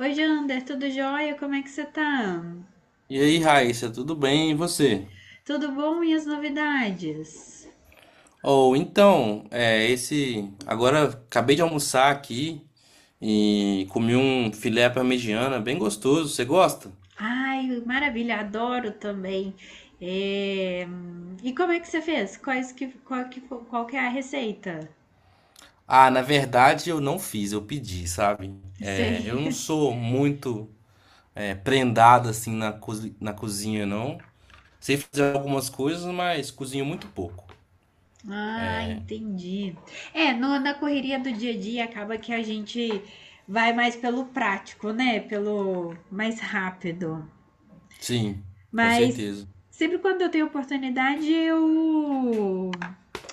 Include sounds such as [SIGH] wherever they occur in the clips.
Oi, Jander, tudo jóia? Como é que você tá? E aí, Raíssa, tudo bem? E você? Tudo bom e as novidades? Ou então, é, esse. agora acabei de almoçar aqui e comi um filé à parmegiana bem gostoso. Você gosta? Ai, maravilha, adoro também. É, E como é que você fez? Quais que, qual, que, fo- qual que é a receita? Ah, na verdade eu não fiz, eu pedi, sabe? Sei. Eu não sou muito prendado assim na cozinha, não. Sei fazer algumas coisas, mas cozinho muito pouco. Ah, entendi. Na correria do dia a dia acaba que a gente vai mais pelo prático, né? Pelo mais rápido. Sim, com Mas certeza. sempre quando eu tenho oportunidade, eu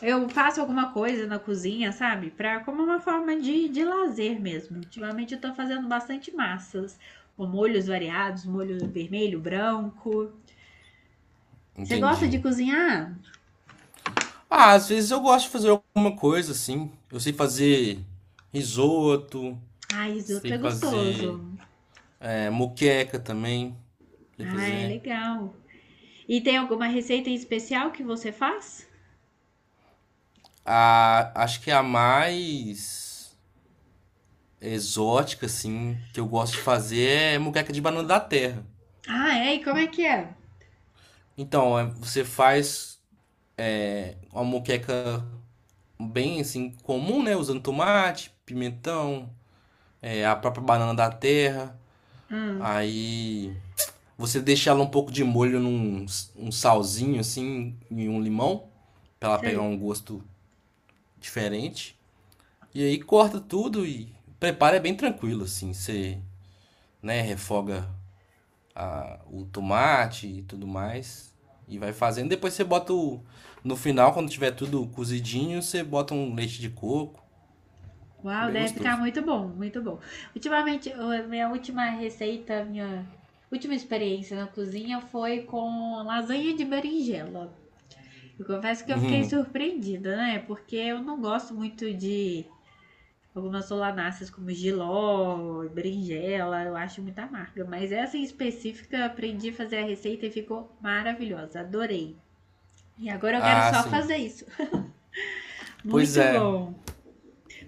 eu faço alguma coisa na cozinha, sabe? Pra, como uma forma de lazer mesmo. Ultimamente eu tô fazendo bastante massas, com molhos variados, molho vermelho, branco. Você gosta de Entendi. cozinhar? Ah, às vezes eu gosto de fazer alguma coisa assim. Eu sei fazer risoto, Ai, risoto é sei gostoso. fazer moqueca também, sei Ai, fazer. legal. E tem alguma receita em especial que você faz? Acho que a mais exótica assim que eu gosto de fazer é moqueca de banana da terra. Ah, é? E como é que é? Então, você faz uma moqueca bem assim comum, né, usando tomate, pimentão, é, a própria banana da terra. Ah, Aí você deixa ela um pouco de molho num um salzinho assim e um limão, pra ela pegar sei. um gosto diferente. E aí corta tudo e prepara é bem tranquilo assim, você, né, refoga o tomate e tudo mais e vai fazendo. Depois você bota o, no final, quando tiver tudo cozidinho, você bota um leite de coco. É Uau, bem deve ficar gostoso. muito bom, muito bom. Ultimamente, a minha última receita, minha última experiência na cozinha foi com lasanha de berinjela. Eu confesso que eu fiquei Uhum. surpreendida, né? Porque eu não gosto muito de algumas solanáceas como jiló, berinjela, eu acho muito amarga. Mas essa em específica, eu aprendi a fazer a receita e ficou maravilhosa, adorei. E agora eu quero Ah, só sim. fazer isso. Pois Muito é. bom.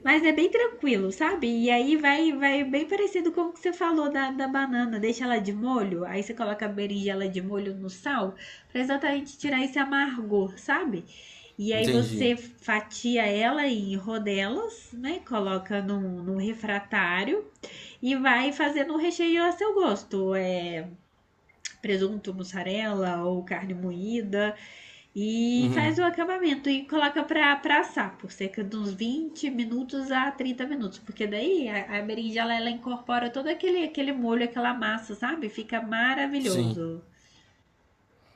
Mas é bem tranquilo, sabe? E aí vai bem parecido com o que você falou da banana. Deixa ela de molho, aí você coloca a berinjela de molho no sal, pra exatamente tirar esse amargor, sabe? E aí Entendi. você fatia ela em rodelas, né? Coloca num refratário e vai fazendo um recheio a seu gosto. É presunto, mussarela ou carne moída. E faz Uhum. o acabamento e coloca para pra assar por cerca de uns 20 minutos a 30 minutos. Porque daí a berinjela ela incorpora aquele molho, aquela massa, sabe? Fica Sim. maravilhoso.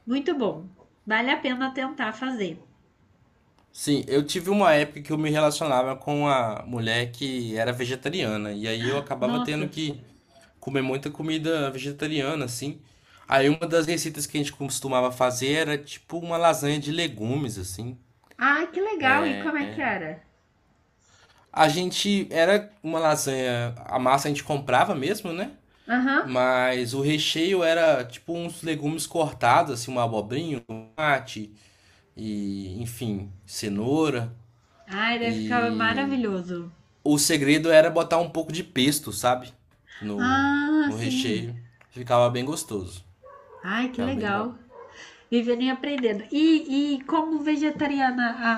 Muito bom. Vale a pena tentar fazer. Sim, eu tive uma época que eu me relacionava com uma mulher que era vegetariana, e aí eu acabava tendo Nossa. que comer muita comida vegetariana, assim. Aí uma das receitas que a gente costumava fazer era tipo uma lasanha de legumes, assim. Ai, que legal. E como é que era? A gente era uma lasanha, a massa a gente comprava mesmo, né? Aham. Uhum. Mas o recheio era tipo uns legumes cortados, assim, uma abobrinha, um tomate e, enfim, cenoura. Ai, deve ficar E maravilhoso. o segredo era botar um pouco de pesto, sabe? No, Ah, no sim. recheio. Ficava bem gostoso. Ai, que Ficava bem bom. legal. Vivendo e aprendendo. E como vegetariana,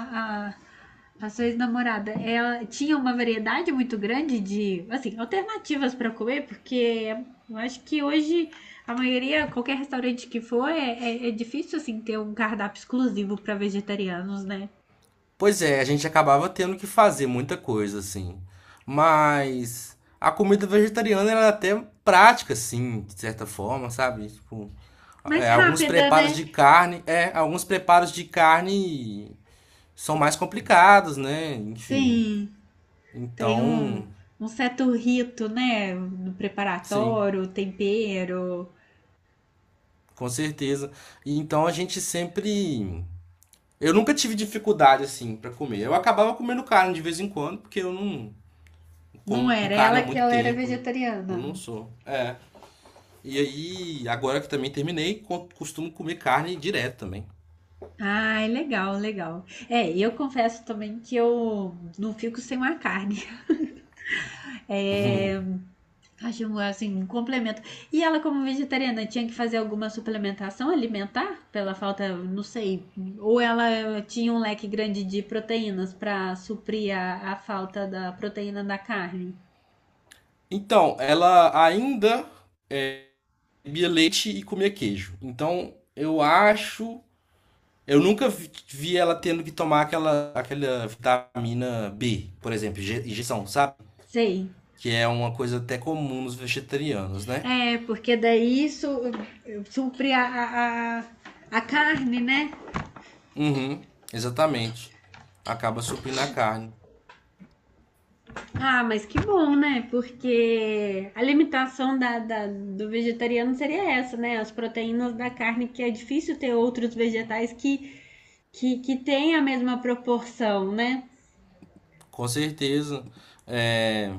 a, a sua ex-namorada, ela tinha uma variedade muito grande de, assim, alternativas para comer, porque eu acho que hoje a maioria, qualquer restaurante que for, é difícil, assim, ter um cardápio exclusivo para vegetarianos, né? Pois é, a gente acabava tendo que fazer muita coisa, assim. Mas a comida vegetariana era até prática, assim, de certa forma, sabe? Tipo, Mais rápida, né? Alguns preparos de carne são mais complicados, né? Enfim. Sim, tem um, Então, um certo rito, né? No sim, preparatório, tempero. com certeza. E então a gente sempre eu nunca tive dificuldade assim pra comer. Eu acabava comendo carne de vez em quando, porque eu não Não como era carne há ela que muito ela era tempo. Eu vegetariana. não sou. É. E aí, agora que também terminei, costumo comer carne direto também. Ai, legal, legal. É, eu confesso também que eu não fico sem uma carne. [LAUGHS] É, [LAUGHS] acho um, assim, um complemento. E ela, como vegetariana, tinha que fazer alguma suplementação alimentar pela falta, não sei, ou ela tinha um leque grande de proteínas para suprir a falta da proteína da carne? Então, ela ainda é, bebia leite e comia queijo. Então, eu acho. Eu nunca vi ela tendo que tomar aquela vitamina B, por exemplo, injeção, sabe? Sei. Que é uma coisa até comum nos vegetarianos, né? É, porque daí isso supre a carne, né? Uhum, exatamente. Acaba suprindo a carne. Ah, mas que bom, né? Porque a limitação da- do vegetariano seria essa, né? As proteínas da carne, que é difícil ter outros vegetais que, que têm a mesma proporção, né? Com certeza. É,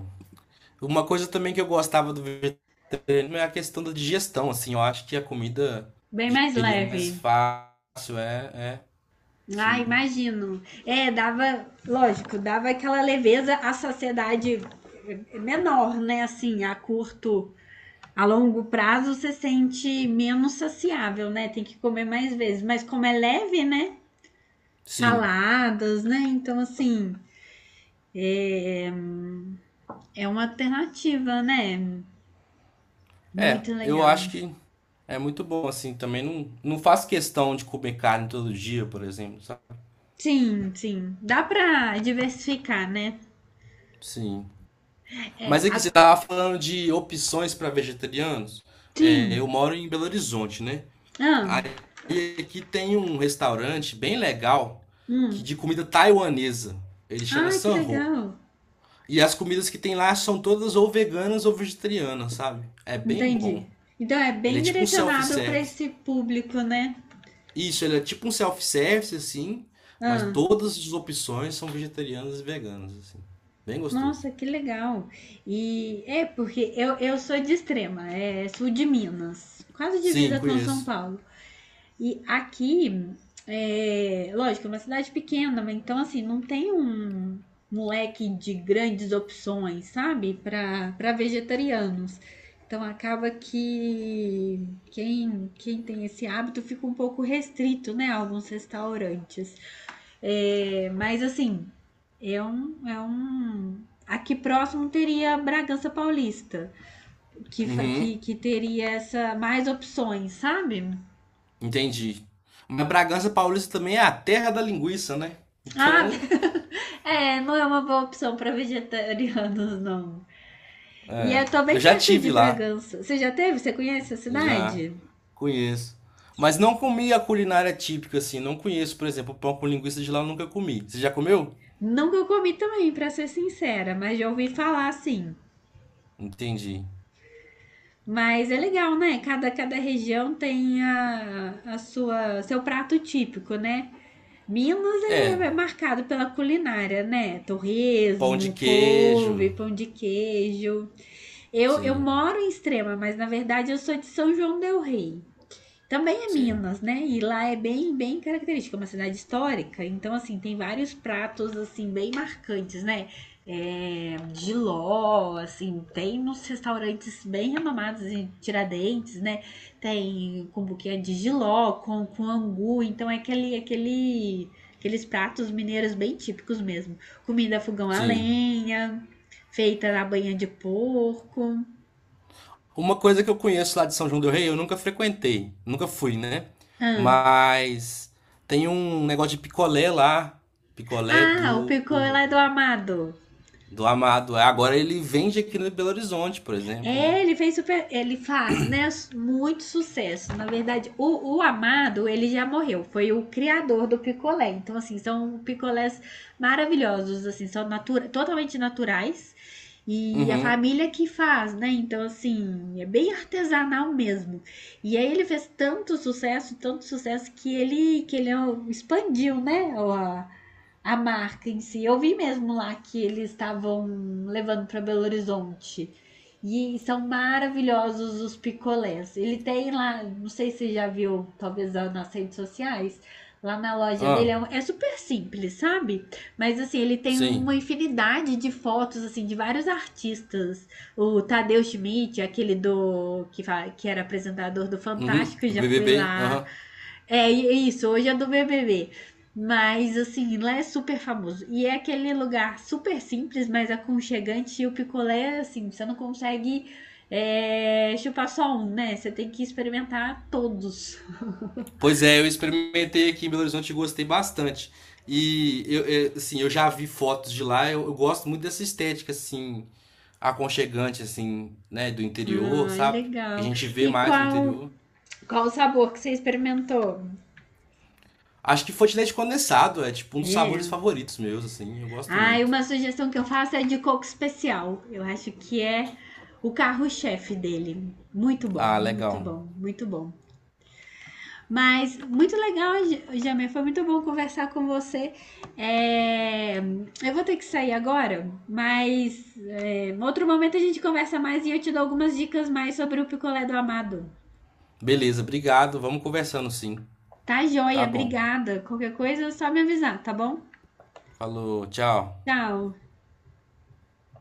uma coisa também que eu gostava do vegetariano é a questão da digestão, assim. Eu acho que a comida Bem mais digeria mais leve. fácil. É, é, Ah, sim. imagino. É, dava, lógico, dava aquela leveza à saciedade menor, né? Assim, a curto, a longo prazo, você sente menos saciável, né? Tem que comer mais vezes. Mas como é leve, né? Sim. Saladas, né? Então, assim, é, é uma alternativa, né? É, Muito eu legal. acho que é muito bom, assim. Também não faço questão de comer carne todo dia, por exemplo, sabe? Sim, sim. Dá pra diversificar, né? Sim. É, Mas aqui, a- você tava falando de opções para vegetarianos. sim. É, eu moro em Belo Horizonte, né? Ah, Aí aqui tem um restaurante bem legal que hum. de comida taiwanesa. Ele chama Ah, que Sanho. legal. E as comidas que tem lá são todas ou veganas ou vegetarianas, sabe? É bem Entendi. bom. Então é Ele bem é tipo um direcionado para self-service. esse público, né? Isso, ele é tipo um self-service, assim, mas Ah, todas as opções são vegetarianas e veganas, assim. Bem nossa, gostoso. que legal. E é porque eu sou de Extrema, é sul de Minas, quase Sim, divisa com São conheço. Paulo. E aqui, é, lógico, é uma cidade pequena, então assim, não tem um, um leque de grandes opções, sabe? Para vegetarianos. Então acaba que quem tem esse hábito fica um pouco restrito, né? A alguns restaurantes. É, mas assim, é um, é um. Aqui próximo teria Bragança Paulista, Uhum, que teria essa mais opções, sabe? entendi. Mas Bragança Paulista também é a terra da linguiça, né? Ah, Então, [LAUGHS] é, não é uma boa opção para vegetarianos, não. E eu é. tô Eu bem já perto tive de lá. Bragança. Você já teve? Você conhece a Já cidade? conheço. Mas não comi a culinária típica assim, não conheço, por exemplo, pão com linguiça de lá eu nunca comi. Você já comeu? Nunca eu comi também, para ser sincera, mas já ouvi falar sim. Entendi. Mas é legal, né? Cada região tem a sua seu prato típico, né? Minas É, é marcado pela culinária, né? pão de Torresmo, couve, queijo. pão de queijo. Eu Sim, moro em Extrema, mas na verdade eu sou de São João del Rei. Também é sim, Minas, né? E lá é bem, bem característica, é uma cidade histórica. Então, assim, tem vários pratos, assim, bem marcantes, né? É, jiló, assim, tem nos restaurantes bem renomados em Tiradentes, né? Tem com buquê de jiló, com angu. Então, é aqueles pratos mineiros bem típicos mesmo. Comida fogão a sim. lenha, feita na banha de porco. Uma coisa que eu conheço lá de São João del Rei, eu nunca frequentei, nunca fui, né? Ah, Mas tem um negócio de picolé lá, picolé ah o picô lá é do Amado. do Amado. Agora ele vende aqui no Belo Horizonte, por exemplo, né? É, ele fez super. Ele faz, né? Muito sucesso. Na verdade, o Amado, ele já morreu. Foi o criador do picolé. Então, assim, são picolés maravilhosos, assim, são natura, totalmente naturais. E a Uhum. família que faz, né? Então, assim, é bem artesanal mesmo. E aí ele fez tanto sucesso, que ele expandiu, né? A- a marca em si. Eu vi mesmo lá que eles estavam levando para Belo Horizonte. E são maravilhosos os picolés. Ele tem lá, não sei se você já viu, talvez nas redes sociais, lá na loja dele. Ah, É, um- é super simples, sabe? Mas assim, ele tem sim. uma infinidade de fotos, assim, de vários artistas. O Tadeu Schmidt, aquele do que, fa- que era apresentador do Uhum, Fantástico, do já foi BBB, lá. aham. É é isso, hoje é do B B B, mas assim, lá é super famoso. E é aquele lugar super simples, mas aconchegante. E o picolé, assim, você não consegue chupar só um, né? Você tem que experimentar todos. Pois é, eu experimentei aqui em Belo Horizonte e gostei bastante. Eu, assim, eu já vi fotos de lá, eu gosto muito dessa estética assim, aconchegante assim, né, do interior, Ah, sabe? Que a legal. gente E vê mais no interior. qual o sabor que você experimentou? Acho que fonte de leite condensado é tipo um dos sabores É. favoritos meus, assim, eu gosto Ah, e muito. uma sugestão que eu faço é de coco especial. Eu acho que é o carro-chefe dele. Muito bom, Ah, muito legal. bom, muito bom. Mas muito legal, Jamê. Foi muito bom conversar com você. É, eu vou ter que sair agora, mas é, em outro momento a gente conversa mais e eu te dou algumas dicas mais sobre o picolé do amado. Beleza, obrigado. Vamos conversando sim. Tá Tá joia, bom. obrigada. Qualquer coisa é só me avisar, tá bom? Falou, tchau. Tchau.